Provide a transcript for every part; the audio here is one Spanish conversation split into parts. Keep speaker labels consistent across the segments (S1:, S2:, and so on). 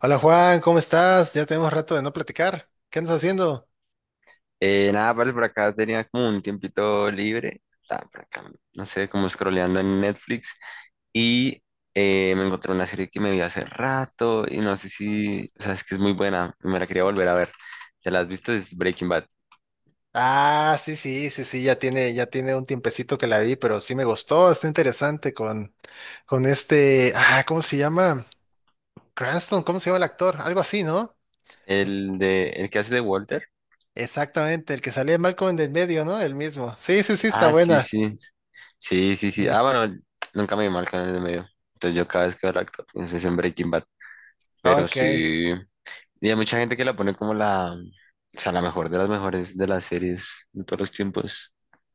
S1: Hola Juan, ¿cómo estás? Ya tenemos rato de no platicar. ¿Qué andas haciendo?
S2: Nada, parce, por acá tenía como un tiempito libre, estaba por acá, no sé, como scrolleando en Netflix y me encontré una serie que me vi hace rato y no sé si, o sea, es que es muy buena, y me la quería volver a ver. ¿Ya la has visto? Es Breaking Bad.
S1: Ah, sí, sí, sí, sí, ya tiene un tiempecito que la vi, pero sí me gustó, está interesante con este, ¿cómo se llama? Cranston, ¿cómo se llama el actor? Algo así, ¿no? El-
S2: El que hace de Walter.
S1: Exactamente, el que salía mal con el medio, ¿no? El mismo. Sí, sí, sí, está
S2: Ah, sí,
S1: buena.
S2: sí, sí, sí, sí.
S1: Sí.
S2: Ah, bueno, nunca me vi mal canal de medio. Entonces yo cada vez que veo al actor, pienso es en Breaking Bad, pero
S1: Ok.
S2: sí. Y hay mucha gente que la pone como la, o sea, la mejor de las mejores de las series de todos los tiempos.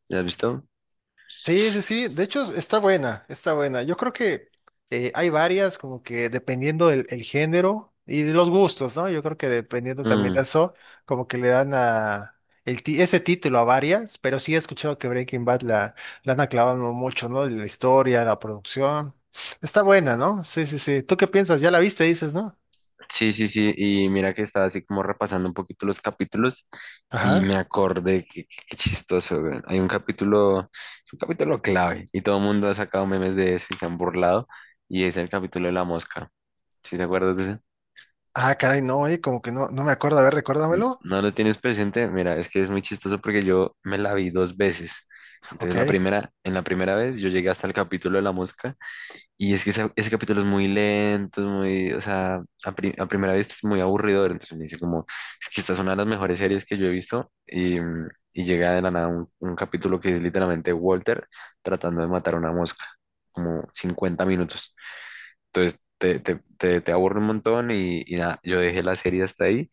S2: ¿Ya has visto?
S1: Sí, sí, sí. De hecho, está buena, está buena. Yo creo que hay varias, como que dependiendo del el género y de los gustos, ¿no? Yo creo que dependiendo también de
S2: Mm,
S1: eso, como que le dan a el ese título a varias, pero sí he escuchado que Breaking Bad la han aclavado mucho, ¿no? La historia, la producción. Está buena, ¿no? Sí, sí, sí. ¿Tú qué piensas? Ya la viste, dices, ¿no?
S2: sí, sí, sí. Y mira que estaba así como repasando un poquito los capítulos y
S1: Ajá.
S2: me acordé que qué chistoso, güey. Hay un capítulo clave y todo el mundo ha sacado memes de eso y se han burlado y es el capítulo de la mosca. ¿Sí te acuerdas de ese?
S1: Ah, caray, no, como que no, no me acuerdo. A ver, recuérdamelo.
S2: ¿No lo tienes presente? Mira, es que es muy chistoso porque yo me la vi dos veces. Entonces
S1: Ok.
S2: en la primera vez yo llegué hasta el capítulo de la mosca. Y es que ese capítulo es muy lento, es muy, o sea, a primera vista es muy aburridor. Entonces me dice como, es que esta es una de las mejores series que yo he visto. Y llega de la nada un, capítulo que es literalmente Walter tratando de matar a una mosca, como 50 minutos. Entonces te aburre un montón y nada, yo dejé la serie hasta ahí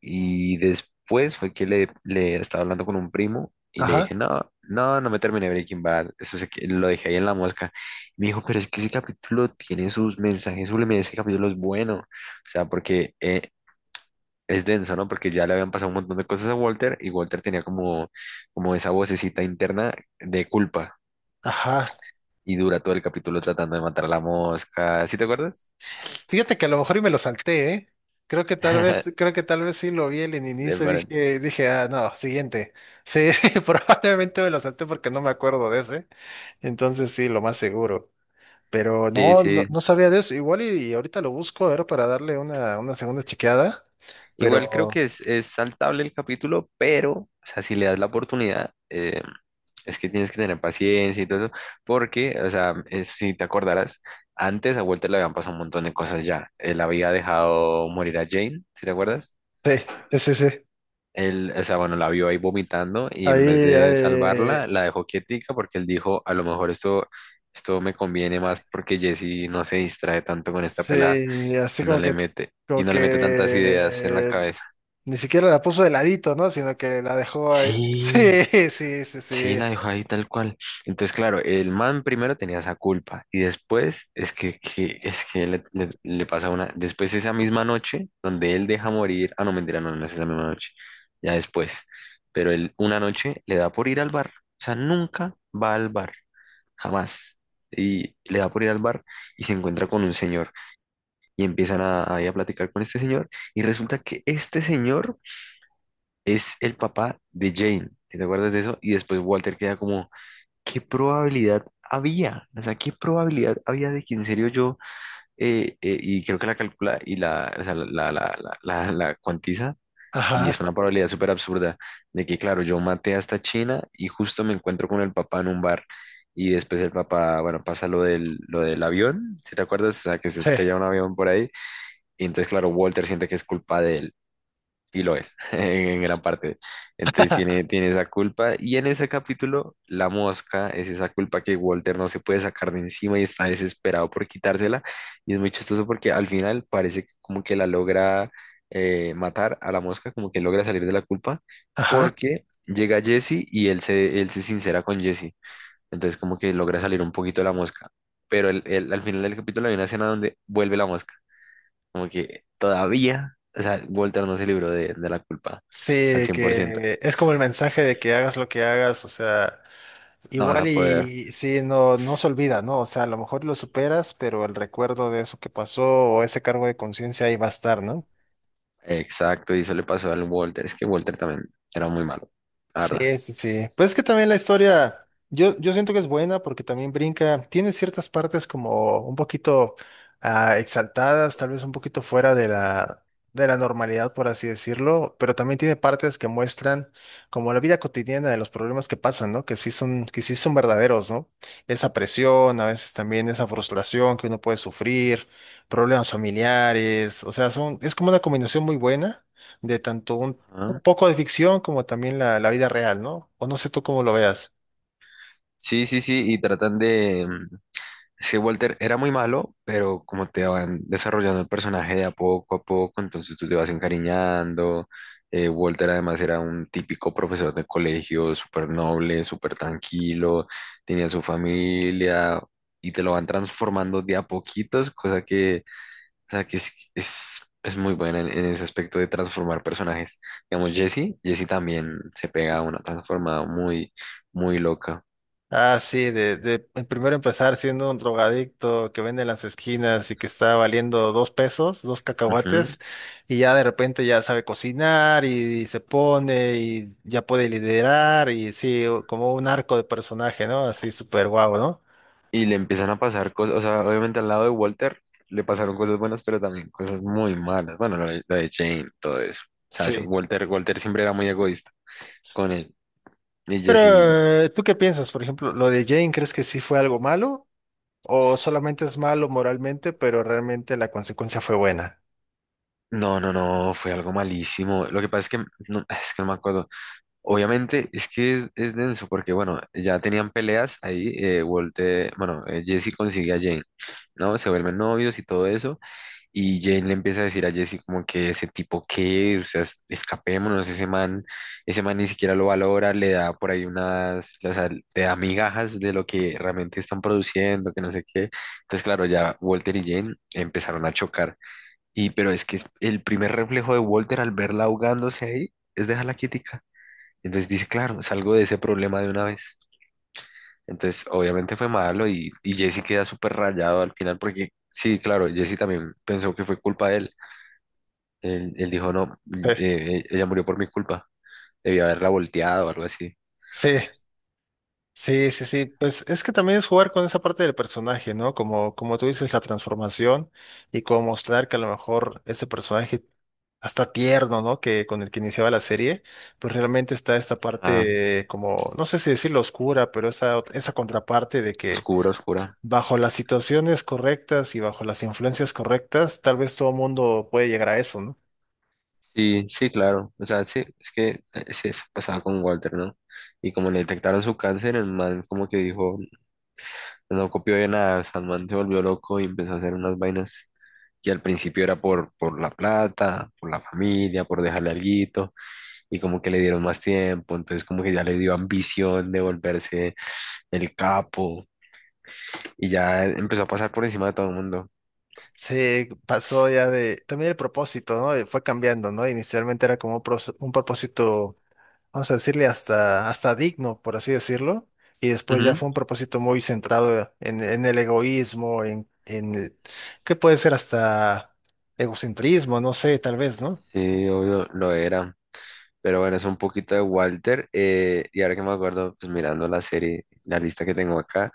S2: y después fue que le estaba hablando con un primo y le
S1: Ajá.
S2: dije, no, no, no me terminé Breaking Bad, eso lo dejé ahí en la mosca. Y me dijo, pero es que ese capítulo tiene sus mensajes subliminales, ese capítulo es bueno, o sea, porque es denso, ¿no? Porque ya le habían pasado un montón de cosas a Walter y Walter tenía como esa vocecita interna de culpa.
S1: Ajá.
S2: Y dura todo el capítulo tratando de matar a la mosca. ¿Sí te acuerdas?
S1: Fíjate que a lo mejor y me lo salté, ¿eh? Creo que tal vez, creo que tal vez sí lo vi en el
S2: De
S1: inicio y
S2: verdad.
S1: dije, ah, no, siguiente. Sí, probablemente me lo salté porque no me acuerdo de ese. Entonces sí, lo más seguro. Pero
S2: Sí,
S1: no, no,
S2: sí.
S1: no sabía de eso. Igual y ahorita lo busco, era para darle una segunda chequeada.
S2: Igual creo
S1: Pero
S2: que es saltable el capítulo, pero, o sea, si le das la oportunidad, es que tienes que tener paciencia y todo eso, porque, o sea, es- si te acordarás, antes a Walter le habían pasado un montón de cosas ya. Él había dejado morir a Jane, ¿si te acuerdas?
S1: sí, sí, sí, sí.
S2: Él, o sea, bueno, la vio ahí vomitando y
S1: Ahí,
S2: en vez de salvarla, la dejó quietica porque él dijo, a lo mejor esto me conviene más porque Jesse no se distrae tanto con esta pelada
S1: sí, así
S2: y no le mete, y
S1: como
S2: no le mete tantas ideas en la
S1: que
S2: cabeza.
S1: Ni siquiera la puso de ladito, ¿no? Sino que la dejó ahí. Sí,
S2: Sí,
S1: sí, sí,
S2: sí,
S1: sí.
S2: la dejó ahí tal cual. Entonces, claro, el man primero tenía esa culpa y después es que, es que le pasa una, después esa misma noche donde él deja morir, ah, no, mentira, no, no es esa misma noche, ya después, pero él una noche le da por ir al bar, o sea, nunca va al bar, jamás. Y le da por ir al bar y se encuentra con un señor y empiezan a, ahí a platicar con este señor y resulta que este señor es el papá de Jane, ¿te acuerdas de eso? Y después Walter queda como, ¿qué probabilidad había? O sea, ¿qué probabilidad había de que en serio yo, y creo que la calcula y la, o sea, la, la cuantiza, y es
S1: Ajá,
S2: una probabilidad súper absurda, de que, claro, yo maté a esta china y justo me encuentro con el papá en un bar. Y después el papá, bueno, pasa lo del, avión, ¿si te acuerdas? O sea, que se
S1: sí.
S2: estrella un avión por ahí. Y entonces, claro, Walter siente que es culpa de él y lo es, en gran parte. Entonces tiene, tiene esa culpa. Y en ese capítulo, la mosca es esa culpa que Walter no se puede sacar de encima y está desesperado por quitársela. Y es muy chistoso porque al final parece que como que la logra matar a la mosca, como que logra salir de la culpa,
S1: Ajá.
S2: porque llega Jesse y él se sincera con Jesse. Entonces como que logra salir un poquito de la mosca. Pero al final del capítulo hay una escena donde vuelve la mosca como que todavía, o sea, Voltaire no se libró de, la culpa
S1: Sí,
S2: al
S1: de
S2: 100%.
S1: que es como el mensaje de que hagas lo que hagas, o sea,
S2: No vas a
S1: igual
S2: poder.
S1: y sí, no, no se olvida, ¿no? O sea, a lo mejor lo superas, pero el recuerdo de eso que pasó o ese cargo de conciencia ahí va a estar, ¿no?
S2: Exacto, y eso le pasó al Walter. Es que Walter también era muy malo, la
S1: Sí,
S2: verdad.
S1: sí, sí. Pues es que también la historia, yo siento que es buena porque también brinca, tiene ciertas partes como un poquito exaltadas, tal vez un poquito fuera de la normalidad, por así decirlo, pero también tiene partes que muestran como la vida cotidiana de los problemas que pasan, ¿no? Que sí son verdaderos, ¿no? Esa presión, a veces también esa frustración que uno puede sufrir, problemas familiares, o sea, son, es como una combinación muy buena de tanto un
S2: Ajá.
S1: poco de ficción, como también la vida real, ¿no? O no sé tú cómo lo veas.
S2: Sí, sí, sí, sí, Walter era muy malo, pero como te van desarrollando el personaje de a poco, entonces tú te vas encariñando. Walter además era un típico profesor de colegio, súper noble, súper tranquilo, tenía su familia y te lo van transformando de a poquitos, cosa que, o sea, que es muy buena en, ese aspecto de transformar personajes. Digamos, Jesse, Jesse también se pega a una transformada muy, muy loca.
S1: Ah, sí, de primero empezar siendo un drogadicto que vende en las esquinas y que está valiendo dos pesos, dos
S2: Ujú.
S1: cacahuates, y ya de repente ya sabe cocinar y, se pone y ya puede liderar y sí, como un arco de personaje, ¿no? Así súper guau, ¿no?
S2: Y le empiezan a pasar cosas, o sea, obviamente al lado de Walter le pasaron cosas buenas, pero también cosas muy malas. Bueno, la de Jane, todo eso. O sea, se-
S1: Sí.
S2: Walter, Walter siempre era muy egoísta con él. Y
S1: Pero,
S2: Jesse,
S1: ¿tú qué piensas? Por ejemplo, lo de Jane, ¿crees que sí fue algo malo? ¿O solamente es malo moralmente, pero realmente la consecuencia fue buena?
S2: no, no, no, fue algo malísimo. Lo que pasa es que no, es que no me acuerdo. Obviamente es que es denso porque, bueno, ya tenían peleas ahí. Walter, bueno, Jesse consigue a Jane, ¿no? Se vuelven novios y todo eso. Y Jane le empieza a decir a Jesse como que ese tipo qué, o sea, escapémonos, ese man ni siquiera lo valora, le da por ahí unas, o sea, le da migajas de lo que realmente están produciendo, que no sé qué. Entonces, claro, ya Walter y Jane empezaron a chocar. Y, pero es que el primer reflejo de Walter al verla ahogándose ahí es dejarla quietica. Entonces dice, claro, salgo de ese problema de una vez. Entonces, obviamente fue malo y Jesse queda súper rayado al final porque, sí, claro, Jesse también pensó que fue culpa de él. Él dijo, no, ella murió por mi culpa. Debía haberla volteado o algo así.
S1: Sí, sí, sí, sí. Pues es que también es jugar con esa parte del personaje, ¿no? Como, como tú dices, la transformación y como mostrar que a lo mejor ese personaje hasta tierno, ¿no? Que con el que iniciaba la serie, pues realmente está esta
S2: Ah,
S1: parte como, no sé si decirlo oscura, pero esa, esa contraparte de que
S2: oscura, oscura.
S1: bajo las situaciones correctas y bajo las influencias correctas, tal vez todo mundo puede llegar a eso, ¿no?
S2: Sí, sí, claro. O sea, sí, es que sí, eso pasaba con Walter, ¿no? Y como le detectaron su cáncer, el man como que dijo, no copió de nada. O sea, el man se volvió loco y empezó a hacer unas vainas que al principio era por, la plata, por la familia, por dejarle alguito, y como que le dieron más tiempo, entonces como que ya le dio ambición de volverse el capo, y ya empezó a pasar por encima de todo el mundo.
S1: Se pasó ya de, también el propósito, ¿no? Fue cambiando, ¿no? Inicialmente era como un un propósito vamos a decirle, hasta, hasta digno, por así decirlo, y después ya
S2: Ujú.
S1: fue un propósito muy centrado en el egoísmo, en el— que puede ser hasta egocentrismo, no sé, tal vez, ¿no?
S2: Sí, obvio, lo era. Pero bueno, es un poquito de Walter. Y ahora que me acuerdo, pues mirando la serie, la lista que tengo acá,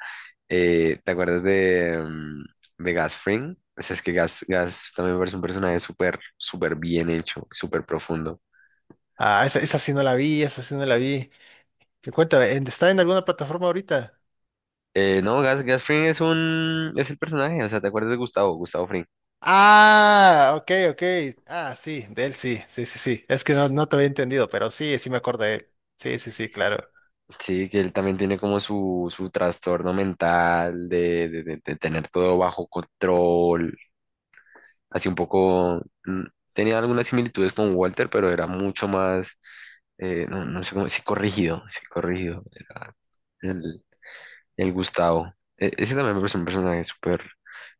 S2: ¿te acuerdas de, de Gus Fring? O sea, es que Gas Gas también me parece un personaje súper, súper bien hecho, súper profundo.
S1: Ah, esa sí no la vi, esa sí no la vi. Y cuéntame, ¿está en alguna plataforma ahorita?
S2: No, Gas Gas Fring es el personaje, o sea, ¿te acuerdas de Gustavo, Gustavo Fring?
S1: Ah, ok, ok. Ah, sí, de él sí, sí, sí, sí. Es que no, no te había entendido, pero sí, sí me acuerdo de él. Sí, sí, sí, claro.
S2: Sí, que él también tiene como su trastorno mental de, de tener todo bajo control así un poco, mm, tenía algunas similitudes con Walter, pero era mucho más, no, no sé cómo, sí corrigido era el, el Gustavo. Ese también me parece un personaje súper,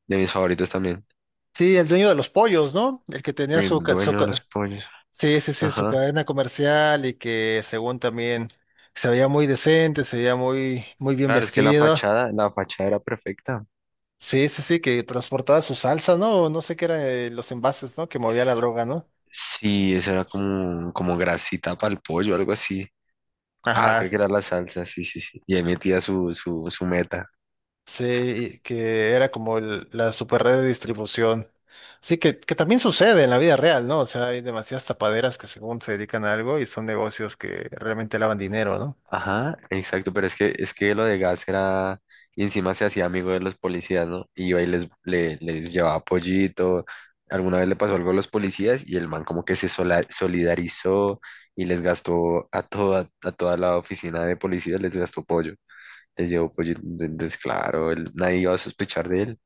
S2: de mis favoritos también,
S1: Sí, el dueño de los pollos, ¿no? El que tenía su,
S2: el
S1: ca- su,
S2: dueño de los
S1: ca-
S2: pollos,
S1: Sí, sí, sí, su
S2: ajá.
S1: cadena comercial y que según también se veía muy decente, se veía muy, muy bien
S2: Claro, es que
S1: vestido.
S2: la fachada era perfecta.
S1: Sí, sí, sí, que transportaba su salsa, ¿no? O no sé qué eran los envases, ¿no? Que movía la droga, ¿no?
S2: Sí, esa era como grasita para el pollo, algo así. Ah,
S1: Ajá,
S2: creo que era la salsa, sí, sí, sí. Y ahí metía su, su meta.
S1: sí, que era como la super red de distribución. Sí, que también sucede en la vida real, ¿no? O sea, hay demasiadas tapaderas que según se dedican a algo y son negocios que realmente lavan dinero, ¿no?
S2: Ajá, exacto, pero es que, lo de gas era, y encima se hacía amigo de los policías, ¿no? Y iba y les llevaba pollito, alguna vez le pasó algo a los policías y el man como que se solidarizó y les gastó a toda la oficina de policías, les gastó pollo, les llevó pollito, entonces claro, nadie iba a sospechar de él,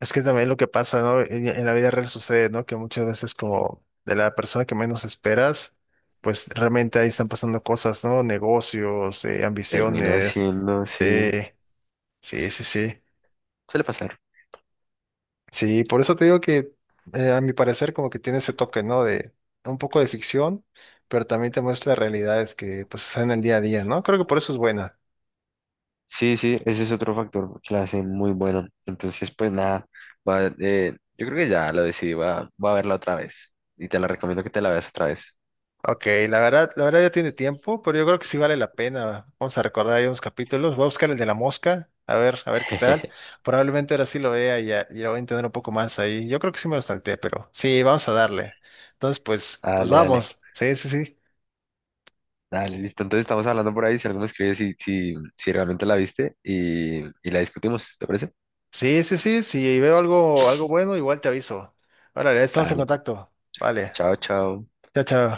S1: Es que también lo que pasa, ¿no? En la vida real sucede, ¿no? Que muchas veces como de la persona que menos esperas, pues realmente ahí están pasando cosas, ¿no? Negocios,
S2: termina
S1: ambiciones.
S2: siendo, sí,
S1: eh, sí, sí, sí.
S2: suele pasar.
S1: Sí, por eso te digo que a mi parecer como que tiene ese toque, ¿no? De un poco de ficción, pero también te muestra realidades que pues están en el día a día, ¿no? Creo que por eso es buena.
S2: Sí, sí, ese es otro factor que la hace muy buena. Entonces, pues nada, va, yo creo que ya lo decidí, va, va a verla otra vez. Y te la recomiendo que te la veas otra vez.
S1: Ok, la verdad ya tiene tiempo, pero yo creo que sí vale la pena. Vamos a recordar ahí unos capítulos. Voy a buscar el de la mosca, a ver qué tal. Probablemente ahora sí lo vea y ya, ya voy a entender un poco más ahí. Yo creo que sí me lo salté, pero sí, vamos a darle. Entonces, pues, pues
S2: Dale, dale,
S1: vamos. Sí, sí, sí.
S2: dale, listo. Entonces estamos hablando por ahí, si alguno escribe si realmente la viste y la discutimos, ¿te parece?
S1: Sí, sí, sí. Si veo algo, algo bueno, igual te aviso. Órale, estamos en
S2: Dale,
S1: contacto. Vale.
S2: chao, chao.
S1: Chao, chao.